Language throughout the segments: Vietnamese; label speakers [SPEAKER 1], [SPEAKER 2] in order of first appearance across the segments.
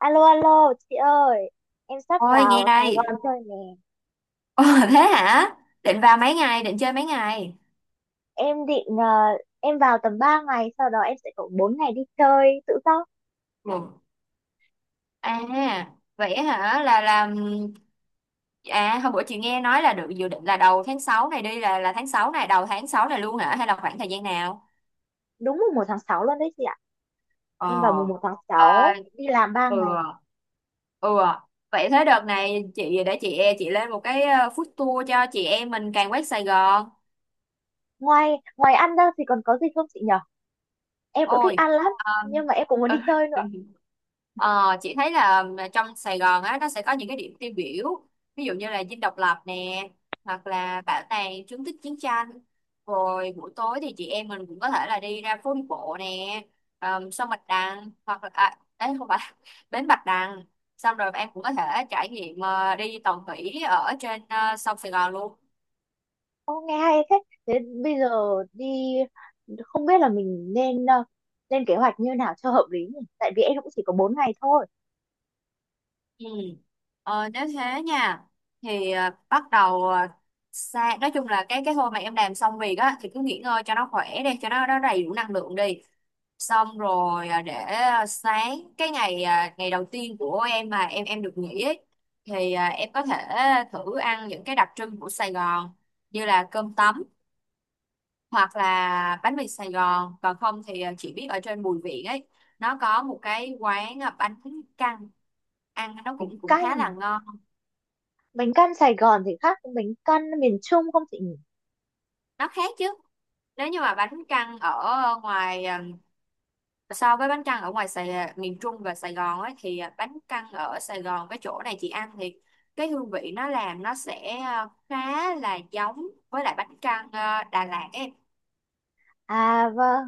[SPEAKER 1] Alo alo chị ơi, em sắp
[SPEAKER 2] Ôi nghe
[SPEAKER 1] vào Sài
[SPEAKER 2] đây.
[SPEAKER 1] Gòn chơi nè.
[SPEAKER 2] Ồ, thế hả? Định vào mấy ngày, định chơi mấy ngày?
[SPEAKER 1] Em em vào tầm 3 ngày, sau đó em sẽ có 4 ngày đi chơi tự do.
[SPEAKER 2] Một. À, vậy hả? Là làm à hôm bữa chị nghe nói là được dự định là đầu tháng 6 này đi, là tháng 6 này, đầu tháng 6 này luôn hả, hay là khoảng thời gian nào?
[SPEAKER 1] Đúng mùng 1 tháng 6 luôn đấy chị ạ. Em vào mùng
[SPEAKER 2] Ờ.
[SPEAKER 1] một tháng
[SPEAKER 2] Ờ
[SPEAKER 1] sáu đi làm ba
[SPEAKER 2] ừ.
[SPEAKER 1] ngày
[SPEAKER 2] Ừ. Vậy thế đợt này chị để chị lên một cái food tour cho chị em mình càng quét Sài Gòn.
[SPEAKER 1] Ngoài ngoài ăn ra thì còn có gì không chị nhở? Em cũng thích
[SPEAKER 2] Ôi.
[SPEAKER 1] ăn lắm, nhưng mà em cũng muốn đi
[SPEAKER 2] Ờ,
[SPEAKER 1] chơi nữa.
[SPEAKER 2] Ờ, chị thấy là trong Sài Gòn á nó sẽ có những cái điểm tiêu biểu, ví dụ như là Dinh Độc Lập nè, hoặc là Bảo tàng chứng tích chiến tranh, rồi buổi tối thì chị em mình cũng có thể là đi ra phố đi bộ nè, sông Bạch Đằng, hoặc là à, đấy không phải bến Bạch Đằng. Xong rồi em cũng có thể trải nghiệm đi tàu thủy ở trên sông Sài Gòn luôn.
[SPEAKER 1] Ô, nghe hay thế. Thế bây giờ đi Không biết là mình nên lên kế hoạch như nào cho hợp lý nhỉ, tại vì em cũng chỉ có 4 ngày thôi.
[SPEAKER 2] Ừ. Ờ, nếu thế nha, thì ờ, bắt đầu ờ, sa nói chung là cái hôm mà em làm xong việc á thì cứ nghỉ ngơi cho nó khỏe đi, cho nó đầy đủ năng lượng đi. Xong rồi sáng ngày đầu tiên của em mà em được nghỉ ấy, thì em có thể thử ăn những cái đặc trưng của Sài Gòn, như là cơm tấm, hoặc là bánh mì Sài Gòn, còn không thì chị biết ở trên Bùi Viện ấy, nó có một cái quán bánh căn ăn nó
[SPEAKER 1] Tính
[SPEAKER 2] cũng cũng khá là
[SPEAKER 1] căn
[SPEAKER 2] ngon.
[SPEAKER 1] Bánh căn Sài Gòn thì khác với bánh căn miền Trung không chị nhỉ?
[SPEAKER 2] Nó khác chứ, nếu như mà bánh căn ở ngoài, so với bánh căn ở ngoài Sài, miền Trung và Sài Gòn ấy, thì bánh căn ở Sài Gòn với chỗ này chị ăn thì cái hương vị nó làm nó sẽ khá là giống với lại bánh căn Đà Lạt ấy.
[SPEAKER 1] À vâng,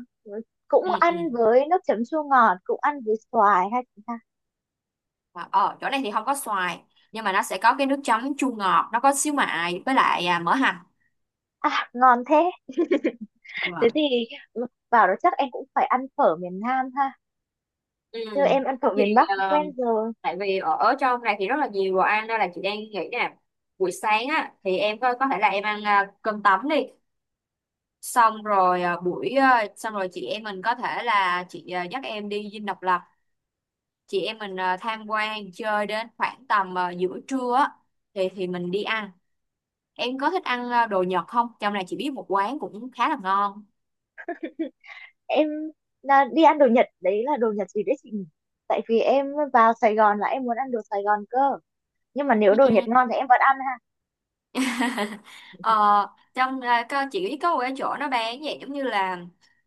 [SPEAKER 1] cũng
[SPEAKER 2] Ừ,
[SPEAKER 1] ăn
[SPEAKER 2] ừ.
[SPEAKER 1] với nước chấm chua ngọt, cũng ăn với xoài hay chị ta?
[SPEAKER 2] Mà ở chỗ này thì không có xoài, nhưng mà nó sẽ có cái nước chấm chua ngọt, nó có xíu mại với lại mỡ hành.
[SPEAKER 1] À, ngon thế. Thế thì, ừ, vào đó chắc em cũng phải ăn phở miền Nam ha,
[SPEAKER 2] Ừ.
[SPEAKER 1] chứ em ăn phở
[SPEAKER 2] Thì
[SPEAKER 1] miền Bắc cũng
[SPEAKER 2] ờ,
[SPEAKER 1] quen rồi.
[SPEAKER 2] tại vì ở trong này thì rất là nhiều đồ ăn, nên là chị đang nghĩ nè, buổi sáng á thì em có thể là em ăn cơm tấm đi. Xong rồi xong rồi chị em mình có thể là chị dắt em đi Dinh Độc Lập, chị em mình tham quan chơi đến khoảng tầm giữa trưa á, thì mình đi ăn. Em có thích ăn đồ Nhật không? Trong này chị biết một quán cũng khá là ngon.
[SPEAKER 1] Em là đi ăn đồ Nhật, đấy là đồ Nhật gì đấy chị nhỉ? Tại vì em vào Sài Gòn là em muốn ăn đồ Sài Gòn cơ, nhưng mà nếu
[SPEAKER 2] Ừ.
[SPEAKER 1] đồ Nhật ngon thì em vẫn ăn ha.
[SPEAKER 2] Ờ, trong à, có chỉ có một cái chỗ nó bán vậy, giống như là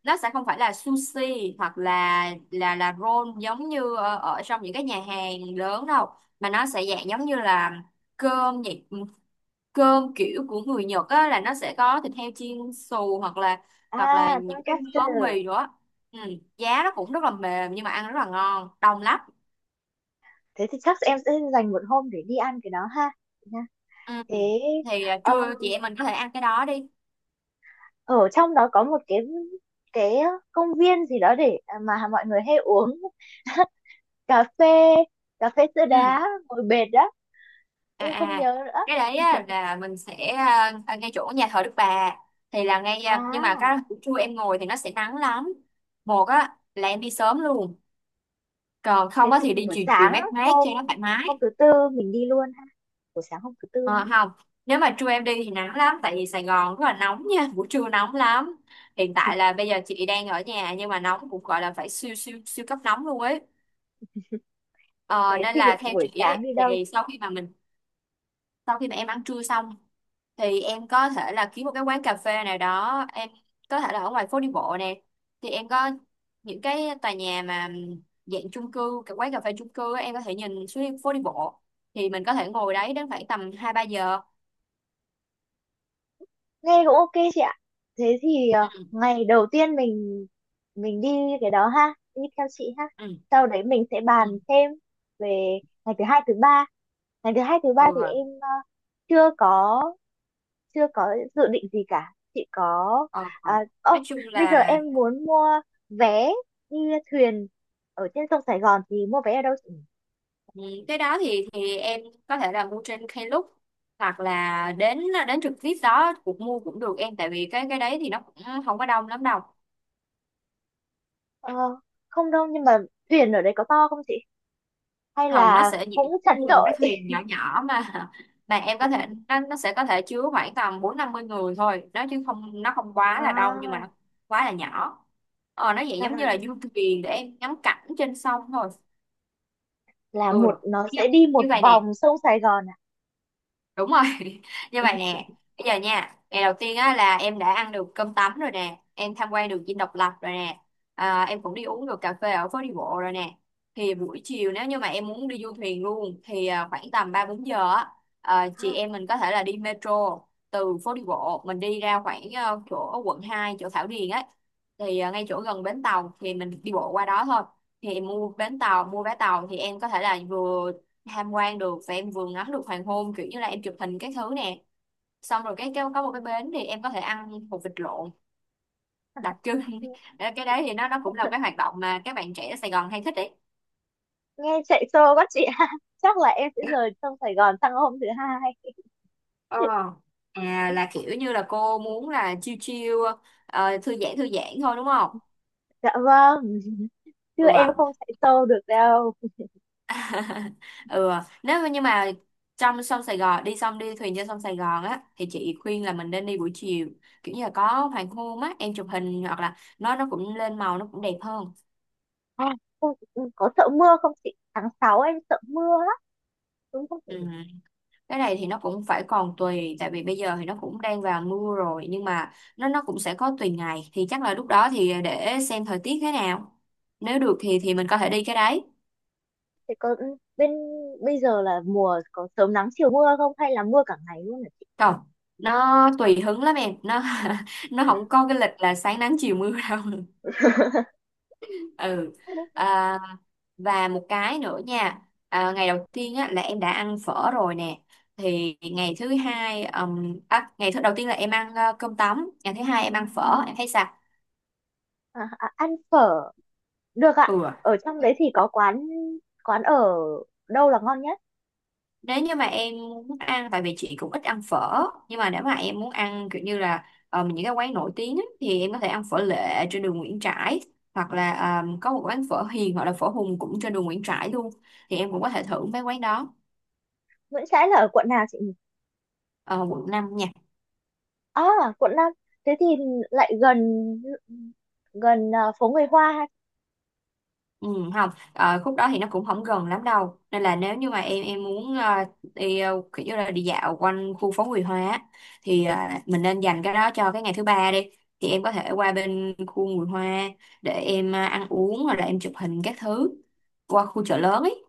[SPEAKER 2] nó sẽ không phải là sushi hoặc là là roll giống như ở trong những cái nhà hàng lớn đâu, mà nó sẽ dạng giống như là cơm vậy. Ừ, cơm kiểu của người Nhật á, là nó sẽ có thịt heo chiên xù, hoặc là
[SPEAKER 1] À,
[SPEAKER 2] hoặc là những cái
[SPEAKER 1] tonkatsu.
[SPEAKER 2] món mì nữa. Ừ, giá nó cũng rất là mềm, nhưng mà ăn rất là ngon, đông lắm.
[SPEAKER 1] Thế thì chắc em sẽ dành một hôm để đi ăn cái đó ha.
[SPEAKER 2] Ừ.
[SPEAKER 1] Thế
[SPEAKER 2] Thì trưa chị
[SPEAKER 1] um,
[SPEAKER 2] em mình có thể ăn cái đó đi.
[SPEAKER 1] Ở trong đó có một cái công viên gì đó để mà mọi người hay uống cà phê, cà phê sữa
[SPEAKER 2] Ừ.
[SPEAKER 1] đá ngồi bệt đó.
[SPEAKER 2] à
[SPEAKER 1] Em không
[SPEAKER 2] à
[SPEAKER 1] nhớ nữa.
[SPEAKER 2] cái đấy á, là mình sẽ ngay chỗ nhà thờ Đức Bà, thì là ngay nhưng mà
[SPEAKER 1] À,
[SPEAKER 2] cái buổi trưa em ngồi thì nó sẽ nắng lắm. Một á là em đi sớm luôn, còn không
[SPEAKER 1] thế
[SPEAKER 2] á
[SPEAKER 1] thì
[SPEAKER 2] thì đi
[SPEAKER 1] buổi
[SPEAKER 2] chiều chiều
[SPEAKER 1] sáng,
[SPEAKER 2] mát mát
[SPEAKER 1] hôm
[SPEAKER 2] cho nó thoải
[SPEAKER 1] hôm
[SPEAKER 2] mái.
[SPEAKER 1] thứ tư mình đi luôn ha? Buổi sáng hôm thứ tư ha?
[SPEAKER 2] Ờ, không, nếu mà trưa em đi thì nắng lắm, tại vì Sài Gòn rất là nóng nha, buổi trưa nóng lắm. Hiện tại là bây giờ chị đang ở nhà, nhưng mà nóng cũng gọi là phải siêu siêu siêu cấp nóng luôn ấy.
[SPEAKER 1] Thế
[SPEAKER 2] Ờ, nên
[SPEAKER 1] thì
[SPEAKER 2] là theo
[SPEAKER 1] buổi
[SPEAKER 2] chị
[SPEAKER 1] sáng
[SPEAKER 2] ấy
[SPEAKER 1] đi đâu?
[SPEAKER 2] thì sau khi mà mình, sau khi mà em ăn trưa xong thì em có thể là kiếm một cái quán cà phê nào đó, em có thể là ở ngoài phố đi bộ nè, thì em có những cái tòa nhà mà dạng chung cư, cái quán cà phê chung cư á, em có thể nhìn xuống phố đi bộ, thì mình có thể ngồi đấy đến khoảng tầm hai ba giờ.
[SPEAKER 1] Nghe cũng ok chị ạ. Thế thì
[SPEAKER 2] Ừ.
[SPEAKER 1] ngày đầu tiên mình đi cái đó ha, đi theo chị ha,
[SPEAKER 2] Ừ.
[SPEAKER 1] sau đấy mình sẽ
[SPEAKER 2] Ừ.
[SPEAKER 1] bàn thêm về ngày thứ hai thứ ba. Ngày thứ hai thứ ba
[SPEAKER 2] Ừ
[SPEAKER 1] thì
[SPEAKER 2] rồi.
[SPEAKER 1] em chưa có chưa có dự định gì cả chị có.
[SPEAKER 2] Ờ rồi.
[SPEAKER 1] à, ơ,
[SPEAKER 2] Nói chung
[SPEAKER 1] Bây giờ
[SPEAKER 2] là
[SPEAKER 1] em muốn mua vé đi thuyền ở trên sông Sài Gòn, thì mua vé ở đâu chị?
[SPEAKER 2] ừ, cái đó thì em có thể là mua trên Klook, hoặc là đến đến trực tiếp đó cũng mua cũng được em, tại vì cái đấy thì nó cũng không có đông lắm đâu.
[SPEAKER 1] Ờ, không đâu, nhưng mà thuyền ở đấy có to không chị, hay
[SPEAKER 2] Hồng, nó
[SPEAKER 1] là
[SPEAKER 2] sẽ
[SPEAKER 1] cũng chặt
[SPEAKER 2] như là một
[SPEAKER 1] chội?
[SPEAKER 2] cái thuyền nhỏ nhỏ mà, mà em có thể, nó sẽ có thể chứa khoảng tầm 40-50 người thôi, nó chứ không, nó không quá là đông, nhưng mà
[SPEAKER 1] à,
[SPEAKER 2] nó quá là nhỏ. Ờ, nó vậy
[SPEAKER 1] là,
[SPEAKER 2] giống
[SPEAKER 1] là,
[SPEAKER 2] như là du thuyền để em ngắm cảnh trên sông thôi.
[SPEAKER 1] là
[SPEAKER 2] Ừ,
[SPEAKER 1] một, nó sẽ
[SPEAKER 2] nha,
[SPEAKER 1] đi một
[SPEAKER 2] như vậy nè.
[SPEAKER 1] vòng sông Sài Gòn à?
[SPEAKER 2] Đúng rồi. Như vậy nè. Bây giờ nha, ngày đầu tiên á là em đã ăn được cơm tấm rồi nè, em tham quan được Dinh Độc Lập rồi nè, à, em cũng đi uống được cà phê ở phố đi bộ rồi nè. Thì buổi chiều, nếu như mà em muốn đi du thuyền luôn thì khoảng tầm ba bốn giờ á, chị em mình có thể là đi metro từ phố đi bộ mình đi ra khoảng chỗ quận hai, chỗ Thảo Điền ấy, thì ngay chỗ gần bến tàu thì mình đi bộ qua đó thôi. Thì em mua bến tàu, mua vé tàu thì em có thể là vừa tham quan được, và em vừa ngắm được hoàng hôn, kiểu như là em chụp hình các thứ nè. Xong rồi cái có một cái bến thì em có thể ăn hột vịt lộn đặc trưng. Cái đấy thì nó cũng là một cái hoạt động mà các bạn trẻ ở Sài Gòn hay thích đấy.
[SPEAKER 1] Nghe chạy xô quá chị ha, chắc là em sẽ rời sông Sài Gòn sang hôm thứ hai.
[SPEAKER 2] Ờ. À là kiểu như là cô muốn là chill chill, ờ, thư giãn thôi đúng không?
[SPEAKER 1] Dạ vâng, chứ
[SPEAKER 2] Ừ
[SPEAKER 1] em
[SPEAKER 2] ạ.
[SPEAKER 1] không chạy xô được đâu.
[SPEAKER 2] Ừ ạ. Nếu mà, nhưng mà trong sông Sài Gòn đi, xong đi thuyền trên sông Sài Gòn á, thì chị khuyên là mình nên đi buổi chiều, kiểu như là có hoàng hôn á, em chụp hình, hoặc là nó cũng lên màu, nó cũng đẹp hơn.
[SPEAKER 1] à, Không, có sợ mưa không chị, tháng 6 em sợ mưa lắm, đúng không chị?
[SPEAKER 2] Ừ. Cái này thì nó cũng phải còn tùy, tại vì bây giờ thì nó cũng đang vào mưa rồi, nhưng mà nó cũng sẽ có tùy ngày, thì chắc là lúc đó thì để xem thời tiết thế nào, nếu được thì mình có thể đi cái đấy.
[SPEAKER 1] Thì có, ừ, bây giờ là mùa có sớm nắng chiều mưa không, hay là mưa cả ngày luôn hả chị?
[SPEAKER 2] Còn nó tùy hứng lắm em, nó nó không có cái lịch là sáng nắng chiều mưa đâu. Ừ, à, và một cái nữa nha, ngày đầu tiên á, là em đã ăn phở rồi nè. Thì ngày thứ hai, ngày thứ đầu tiên là em ăn cơm tấm, ngày thứ hai em ăn phở, em thấy sao?
[SPEAKER 1] Ăn phở được
[SPEAKER 2] Ừ.
[SPEAKER 1] ạ. Ở trong đấy thì có quán quán ở đâu là ngon nhất?
[SPEAKER 2] Nếu như mà em muốn ăn, tại vì chị cũng ít ăn phở, nhưng mà nếu mà em muốn ăn kiểu như là những cái quán nổi tiếng á, thì em có thể ăn phở Lệ trên đường Nguyễn Trãi, hoặc là có một quán phở Hiền, hoặc là phở Hùng cũng trên đường Nguyễn Trãi luôn, thì em cũng có thể thử mấy quán đó.
[SPEAKER 1] Nguyễn Trãi là ở quận nào chị nhỉ?
[SPEAKER 2] Ờ, quận 5 nha.
[SPEAKER 1] À, quận 5. Thế thì lại gần, phố người Hoa ha.
[SPEAKER 2] Ừ, không, ờ, khúc đó thì nó cũng không gần lắm đâu, nên là nếu như mà em muốn đi kiểu như là đi dạo quanh khu phố Nguyễn hoa á, thì mình nên dành cái đó cho cái ngày thứ ba đi, thì em có thể qua bên khu Nguyễn hoa, để em ăn uống, hoặc là em chụp hình các thứ, qua khu chợ lớn ấy.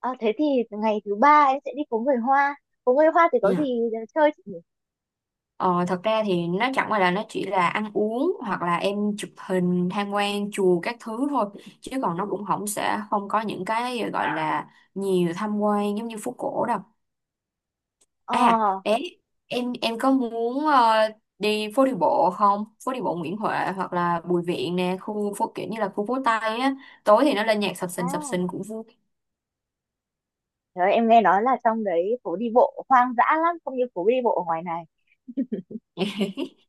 [SPEAKER 1] À, thế thì ngày thứ ba em sẽ đi phố người Hoa. Phố người Hoa thì có
[SPEAKER 2] Dạ.
[SPEAKER 1] gì để chơi chị nhỉ?
[SPEAKER 2] Ờ, thật ra thì nó chẳng qua là nó chỉ là ăn uống, hoặc là em chụp hình, tham quan chùa các thứ thôi, chứ còn nó cũng không, sẽ không có những cái gọi là nhiều tham quan giống như phố cổ đâu.
[SPEAKER 1] Ờ,
[SPEAKER 2] À, đấy, em có muốn đi phố đi bộ không? Phố đi bộ Nguyễn Huệ hoặc là Bùi Viện nè, khu phố kiểu như là khu phố Tây á. Tối thì nó lên nhạc
[SPEAKER 1] à,
[SPEAKER 2] sập sình cũng vui.
[SPEAKER 1] Trời ơi, em nghe nói là trong đấy phố đi bộ hoang dã lắm, không như phố đi bộ ở ngoài này.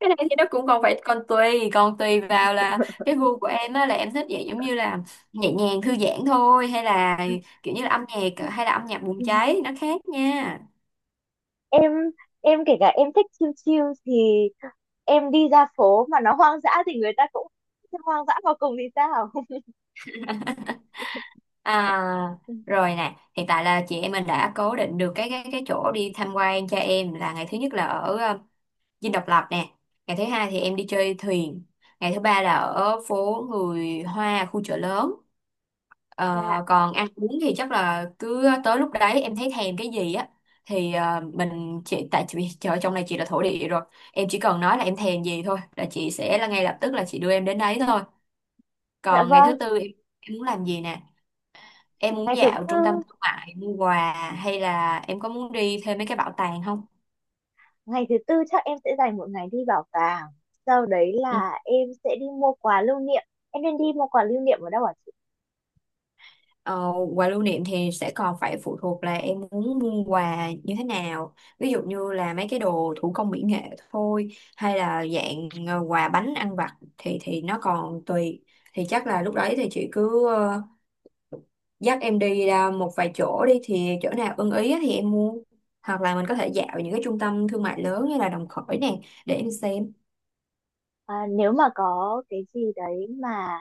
[SPEAKER 2] Cái này thì nó cũng còn phải còn tùy vào là cái gu của em á, là em thích vậy giống như là nhẹ nhàng thư giãn thôi, hay là kiểu như là âm nhạc, hay là âm nhạc bùng cháy, nó khác nha.
[SPEAKER 1] Em em kể cả em thích chill chill thì em đi ra phố mà nó hoang dã thì người ta cũng hoang dã vào cùng thì sao?
[SPEAKER 2] À rồi nè, hiện tại là chị em mình đã cố định được cái chỗ đi tham quan cho em. Là ngày thứ nhất là ở Dinh Độc Lập nè, ngày thứ hai thì em đi chơi thuyền, ngày thứ ba là ở phố người Hoa khu Chợ Lớn.
[SPEAKER 1] Dạ,
[SPEAKER 2] Ờ, còn ăn uống thì chắc là cứ tới lúc đấy em thấy thèm cái gì á thì mình chỉ— tại vì chợ trong này chị là thổ địa rồi, em chỉ cần nói là em thèm gì thôi là chị sẽ là ngay lập tức là chị đưa em đến đấy thôi.
[SPEAKER 1] dạ
[SPEAKER 2] Còn ngày thứ
[SPEAKER 1] vâng.
[SPEAKER 2] tư em muốn làm gì nè, em muốn
[SPEAKER 1] Ngày thứ
[SPEAKER 2] dạo trung tâm
[SPEAKER 1] tư
[SPEAKER 2] thương mại mua quà hay là em có muốn đi thêm mấy cái bảo tàng không?
[SPEAKER 1] Ngày thứ tư chắc em sẽ dành một ngày đi bảo tàng, sau đấy
[SPEAKER 2] Ừ.
[SPEAKER 1] là em sẽ đi mua quà lưu niệm. Em nên đi mua quà lưu niệm ở đâu ạ chị?
[SPEAKER 2] Ờ, quà lưu niệm thì sẽ còn phải phụ thuộc là em muốn mua quà như thế nào, ví dụ như là mấy cái đồ thủ công mỹ nghệ thôi, hay là dạng quà bánh ăn vặt thì nó còn tùy. Thì chắc là lúc đấy thì chị cứ dắt em đi ra một vài chỗ đi, thì chỗ nào ưng ý á thì em mua, hoặc là mình có thể dạo những cái trung tâm thương mại lớn như là Đồng Khởi nè để em xem.
[SPEAKER 1] À, nếu mà có cái gì đấy mà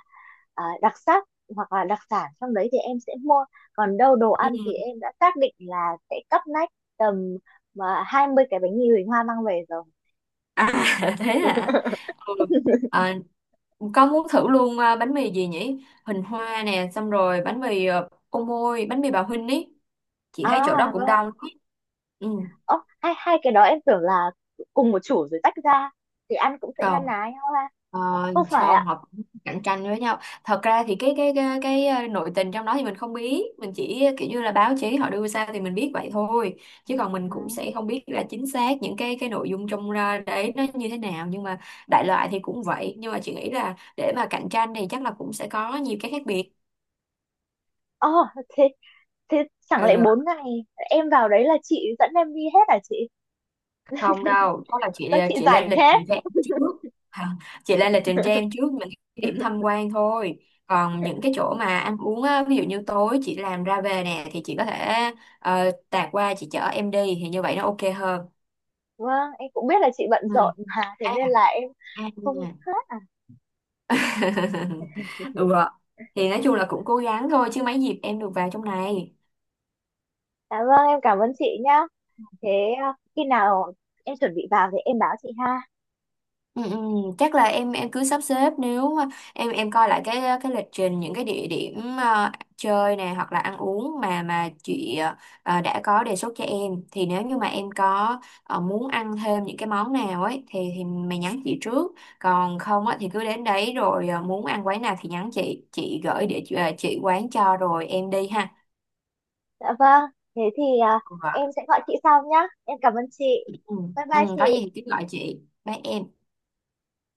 [SPEAKER 1] đặc sắc hoặc là đặc sản trong đấy thì em sẽ mua, còn đâu đồ
[SPEAKER 2] Ừ.
[SPEAKER 1] ăn thì em đã xác định là sẽ cắp nách tầm mà 20 cái bánh mì Huỳnh Hoa mang về rồi.
[SPEAKER 2] À, thế hả? Ừ. À, có muốn thử luôn à, bánh mì gì nhỉ? Hình Hoa nè, xong rồi bánh mì à, Ô Môi, bánh mì bà Huynh ý. Chị thấy chỗ đó
[SPEAKER 1] À
[SPEAKER 2] cũng
[SPEAKER 1] vâng.
[SPEAKER 2] đông ý. Ừ.
[SPEAKER 1] Ồ, hai hai cái đó em tưởng là cùng một chủ rồi tách ra thì ăn cũng sẽ na
[SPEAKER 2] Không.
[SPEAKER 1] ná nhau ha,
[SPEAKER 2] Ờ,
[SPEAKER 1] không phải
[SPEAKER 2] không,
[SPEAKER 1] ạ?
[SPEAKER 2] họ cũng cạnh tranh với nhau. Thật ra thì cái nội tình trong đó thì mình không biết, mình chỉ kiểu như là báo chí họ đưa ra thì mình biết vậy thôi, chứ còn mình
[SPEAKER 1] À,
[SPEAKER 2] cũng sẽ không biết là chính xác những cái nội dung trong ra đấy nó như thế nào, nhưng mà đại loại thì cũng vậy. Nhưng mà chị nghĩ là để mà cạnh tranh thì chắc là cũng sẽ có nhiều cái khác biệt.
[SPEAKER 1] ờ, thế, thế chẳng lẽ
[SPEAKER 2] Ừ,
[SPEAKER 1] 4 ngày em vào đấy là chị dẫn em đi hết à chị?
[SPEAKER 2] không đâu, đó là chị
[SPEAKER 1] Sao chị
[SPEAKER 2] chị lên
[SPEAKER 1] rảnh
[SPEAKER 2] lịch
[SPEAKER 1] thế?
[SPEAKER 2] trình cho em trước. Hả? Chị lên lịch trình cho em trước những cái điểm tham quan thôi, còn những cái chỗ mà ăn uống á, ví dụ như tối chị làm ra về nè thì chị có thể tạt qua chị chở em đi, thì như vậy nó ok hơn.
[SPEAKER 1] Vâng, em cũng biết là chị bận
[SPEAKER 2] Ừ.
[SPEAKER 1] rộn mà, thế
[SPEAKER 2] À,
[SPEAKER 1] nên là em
[SPEAKER 2] à.
[SPEAKER 1] không hết.
[SPEAKER 2] ừ. Thì nói chung là cũng cố gắng thôi, chứ mấy dịp em được vào trong này.
[SPEAKER 1] Dạ vâng, em cảm ơn chị nhá. Thế, à, khi nào em chuẩn bị vào thì em báo chị ha.
[SPEAKER 2] Ừ, ừ, chắc là em cứ sắp xếp, nếu mà em coi lại cái lịch trình những cái địa điểm chơi này hoặc là ăn uống, mà chị đã có đề xuất cho em, thì nếu như mà em có muốn ăn thêm những cái món nào ấy thì mày nhắn chị trước. Còn không á thì cứ đến đấy rồi, muốn ăn quán nào thì nhắn chị gửi địa chỉ— chị quán cho rồi em đi ha.
[SPEAKER 1] Dạ vâng, thế thì à,
[SPEAKER 2] Vâng.
[SPEAKER 1] em sẽ gọi chị sau nhá. Em cảm ơn chị.
[SPEAKER 2] Ừ,
[SPEAKER 1] Bye bye
[SPEAKER 2] ừ,
[SPEAKER 1] chị.
[SPEAKER 2] có gì thì cứ gọi chị, bye em.